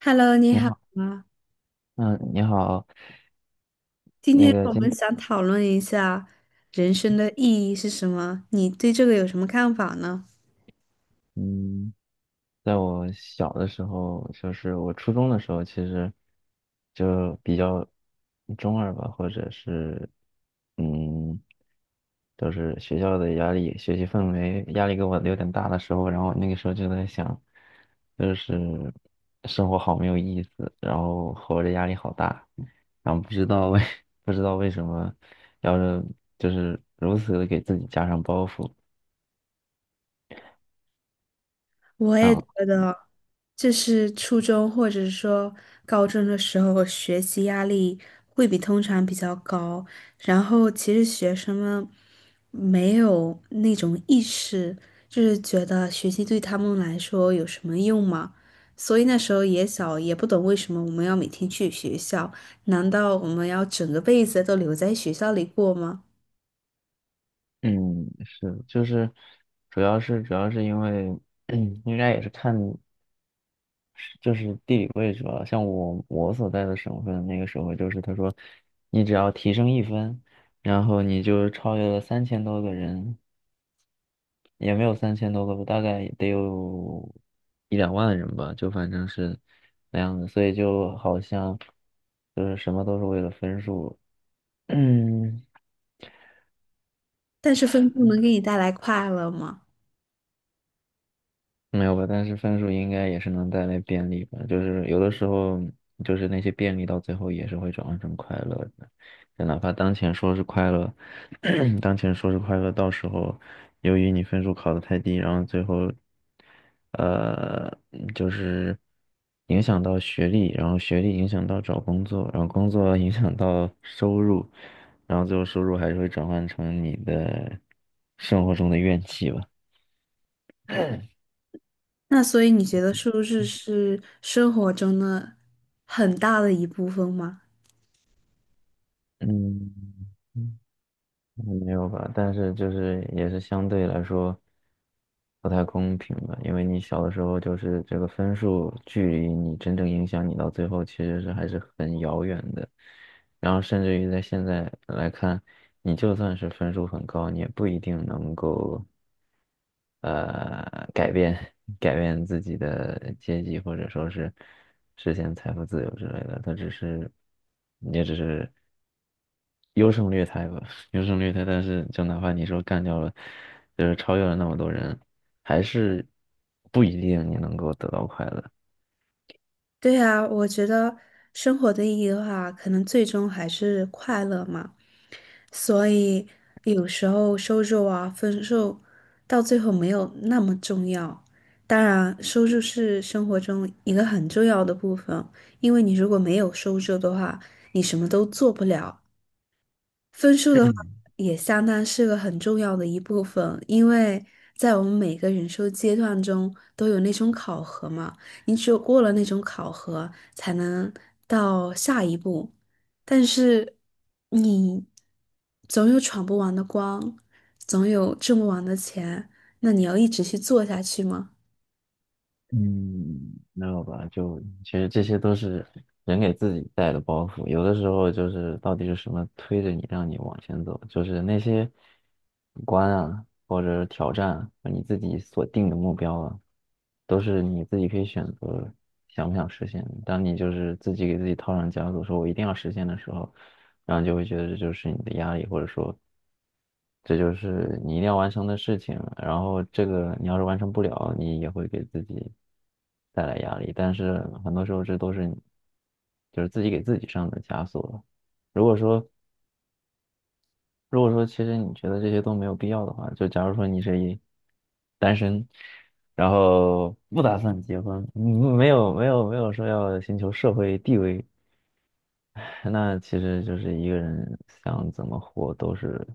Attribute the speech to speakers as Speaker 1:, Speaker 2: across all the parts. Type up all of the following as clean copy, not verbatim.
Speaker 1: Hello，你
Speaker 2: 你
Speaker 1: 好
Speaker 2: 好，
Speaker 1: 啊！
Speaker 2: 嗯，你好，
Speaker 1: 今
Speaker 2: 那
Speaker 1: 天
Speaker 2: 个
Speaker 1: 我
Speaker 2: 今，
Speaker 1: 们想讨论一下人生的意义是什么？你对这个有什么看法呢？
Speaker 2: 嗯，在我小的时候，就是我初中的时候，其实就比较中二吧，或者是，嗯，就是学校的压力、学习氛围压力给我有点大的时候，然后那个时候就在想，就是生活好没有意思，然后活着压力好大，然后不知道为 不知道为什么要是就是如此的给自己加上包袱。
Speaker 1: 我也觉
Speaker 2: 啊，
Speaker 1: 得，就是初中或者说高中的时候，学习压力会比通常比较高。然后，其实学生们没有那种意识，就是觉得学习对他们来说有什么用嘛。所以那时候也小，也不懂为什么我们要每天去学校。难道我们要整个辈子都留在学校里过吗？
Speaker 2: 嗯，是，就是，主要是因为，应该也是看，就是地理位置吧。像我所在的省份，那个时候就是他说，你只要提升1分，然后你就超越了三千多个人，也没有三千多个吧，大概得有一两万人吧，就反正是那样的。所以就好像就是什么都是为了分数，嗯。
Speaker 1: 但是分数能给你带来快乐吗？
Speaker 2: 没有吧，但是分数应该也是能带来便利吧。就是有的时候，就是那些便利到最后也是会转换成快乐的。就哪怕当前说是快乐，当前说是快乐，到时候由于你分数考得太低，然后最后，呃，就是影响到学历，然后学历影响到找工作，然后工作影响到收入，然后最后收入还是会转换成你的生活中的怨气吧。
Speaker 1: 那所以你觉得收入是生活中的很大的一部分吗？
Speaker 2: 嗯。嗯没有吧？但是就是也是相对来说不太公平吧，因为你小的时候就是这个分数距离你真正影响你到最后其实是还是很遥远的，然后甚至于在现在来看，你就算是分数很高，你也不一定能够。呃改变改变自己的阶级，或者说是实现财富自由之类的，他只是也只是优胜劣汰吧，优胜劣汰。但是就哪怕你说干掉了，就是超越了那么多人，还是不一定你能够得到快乐。
Speaker 1: 对啊，我觉得生活的意义的话，可能最终还是快乐嘛。所以有时候收入啊、分数到最后没有那么重要。当然，收入是生活中一个很重要的部分，因为你如果没有收入的话，你什么都做不了。分数的话，也相当是个很重要的一部分，因为在我们每个人生阶段中都有那种考核嘛，你只有过了那种考核，才能到下一步。但是你总有闯不完的关，总有挣不完的钱，那你要一直去做下去吗？
Speaker 2: 嗯，没有吧？就其实这些都是人给自己带的包袱，有的时候就是到底是什么推着你让你往前走，就是那些关啊，或者是挑战啊你自己所定的目标啊，都是你自己可以选择想不想实现的当你就是自己给自己套上枷锁，说我一定要实现的时候，然后就会觉得这就是你的压力，或者说这就是你一定要完成的事情。然后这个你要是完成不了，你也会给自己带来压力。但是很多时候这都是你就是自己给自己上的枷锁了如果说如果说其实你觉得这些都没有必要的话，就假如说你是一单身，然后不打算结婚，没有说要寻求社会地位 那其实就是一个人想怎么活都是，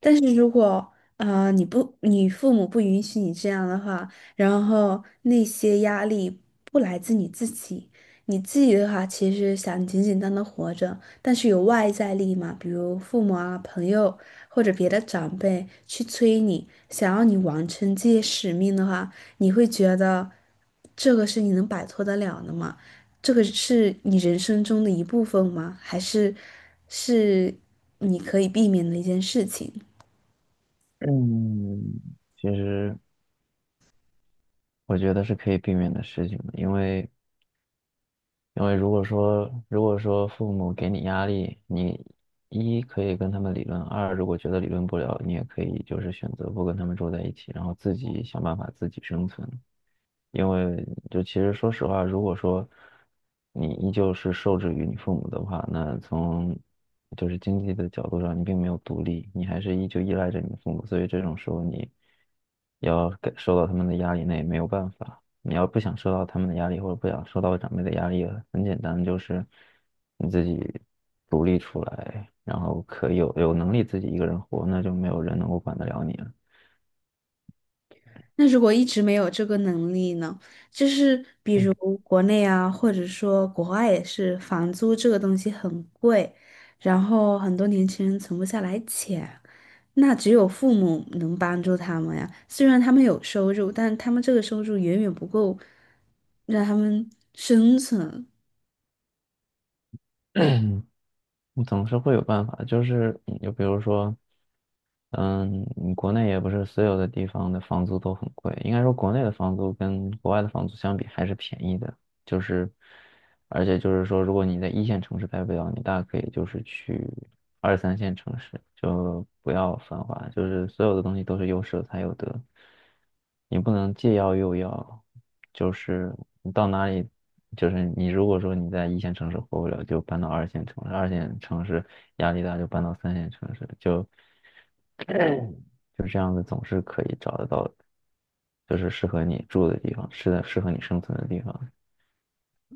Speaker 1: 但是如果你父母不允许你这样的话，然后那些压力不来自你自己，你自己的话其实想简简单单活着，但是有外在力嘛，比如父母啊、朋友或者别的长辈去催你，想要你完成这些使命的话，你会觉得这个是你能摆脱得了的吗？这个是你人生中的一部分吗？还是是你可以避免的一件事情？
Speaker 2: 嗯，其实我觉得是可以避免的事情的因为因为如果说父母给你压力，你一可以跟他们理论，二如果觉得理论不了，你也可以就是选择不跟他们住在一起，然后自己想办法自己生存。因为就其实说实话，如果说你依旧是受制于你父母的话，那从就是经济的角度上，你并没有独立，你还是依旧依赖着你的父母，所以这种时候你要感受到他们的压力，那也没有办法。你要不想受到他们的压力，或者不想受到长辈的压力，很简单，就是你自己独立出来，然后可以有能力自己一个人活，那就没有人能够管得了你了。
Speaker 1: 那如果一直没有这个能力呢？就是比如国内啊，或者说国外也是，房租这个东西很贵，然后很多年轻人存不下来钱，那只有父母能帮助他们呀。虽然他们有收入，但他们这个收入远远不够让他们生存。
Speaker 2: 我总是会有办法，就是就比如说，嗯，国内也不是所有的地方的房租都很贵，应该说国内的房租跟国外的房租相比还是便宜的，就是。而且就是说，如果你在一线城市待不了，你大可以就是去二三线城市，就不要繁华，就是所有的东西都是有舍才有得，你不能既要又要，就是你到哪里，就是你如果说你在一线城市活不了，就搬到二线城市，二线城市压力大就搬到三线城市，就 就这样子总是可以找得到，就是适合你住的地方，适合你生存的地方。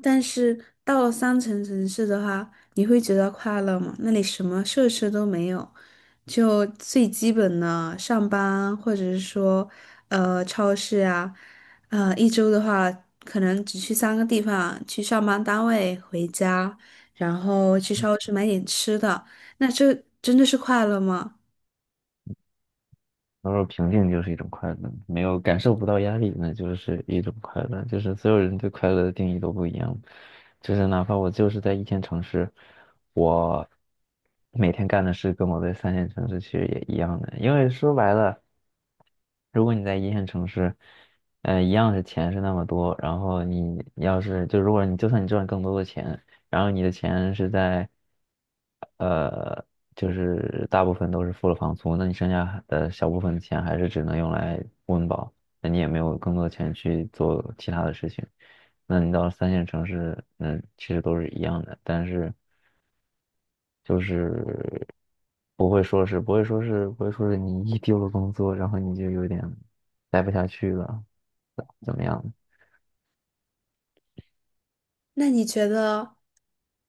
Speaker 1: 但是到了三层城市的话，你会觉得快乐吗？那里什么设施都没有，就最基本的上班，或者是说，超市啊，一周的话，可能只去三个地方：去上班单位、回家，然后去超市买点吃的。那这真的是快乐吗？
Speaker 2: 他说平静就是一种快乐，没有感受不到压力，那就是一种快乐。就是所有人对快乐的定义都不一样，就是哪怕我就是在一线城市，我每天干的事跟我在三线城市其实也一样的，因为说白了。如果你在一线城市，一样是钱是那么多，然后你要是就如果你就算你赚更多的钱，然后你的钱是在，呃，就是大部分都是付了房租，那你剩下的小部分的钱还是只能用来温饱，那你也没有更多的钱去做其他的事情。那你到三线城市，那其实都是一样的，但是就是不会说是你一丢了工作，然后你就有点待不下去了，怎么样？
Speaker 1: 那你觉得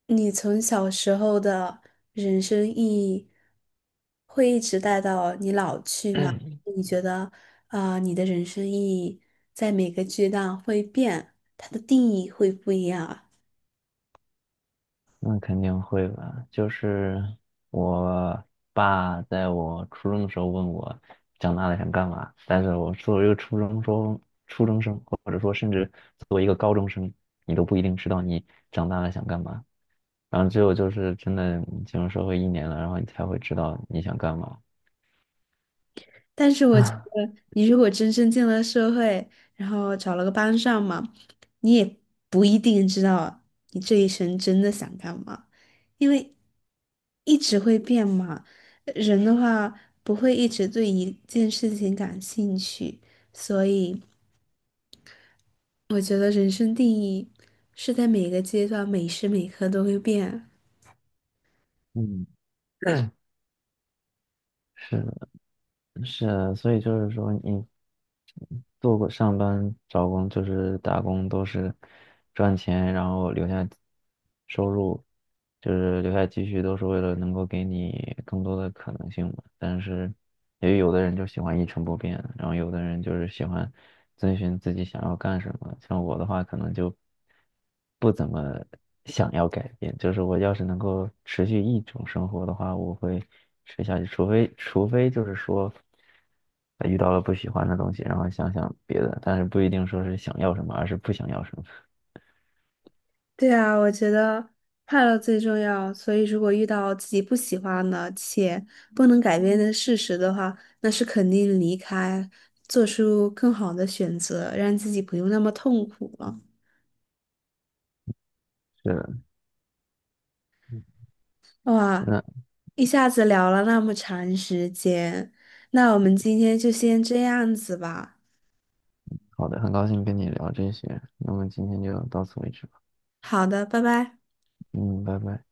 Speaker 1: 你从小时候的人生意义会一直带到你老去吗？你觉得，啊，你的人生意义在每个阶段会变，它的定义会不一样啊？
Speaker 2: 那肯定会吧。就是我爸在我初中的时候问我长大了想干嘛，但是我作为一个初中生，或者说甚至作为一个高中生，你都不一定知道你长大了想干嘛。然后只有就是真的你进入社会1年了，然后你才会知道你想干嘛。
Speaker 1: 但是我觉
Speaker 2: 啊，
Speaker 1: 得，你如果真正进了社会，然后找了个班上嘛，你也不一定知道你这一生真的想干嘛，因为一直会变嘛。人的话不会一直对一件事情感兴趣，所以我觉得人生定义是在每个阶段、每时每刻都会变。
Speaker 2: 嗯，是的，是的，所以就是说你做过上班、找工就是打工，都是赚钱，然后留下收入，就是留下积蓄，都是为了能够给你更多的可能性嘛。但是，也有的人就喜欢一成不变，然后有的人就是喜欢遵循自己想要干什么。像我的话，可能就不怎么想要改变，就是我要是能够持续一种生活的话，我会持下去，除非就是说。他遇到了不喜欢的东西，然后想想别的，但是不一定说是想要什么，而是不想要什么。
Speaker 1: 对啊，我觉得快乐最重要。所以，如果遇到自己不喜欢的且不能改变的事实的话，那是肯定离开，做出更好的选择，让自己不用那么痛苦了。
Speaker 2: 是的，
Speaker 1: 哇，
Speaker 2: 那
Speaker 1: 一下子聊了那么长时间，那我们今天就先这样子吧。
Speaker 2: 好的，很高兴跟你聊这些，那么今天就到此为止吧。
Speaker 1: 好的，拜拜。
Speaker 2: 嗯，拜拜。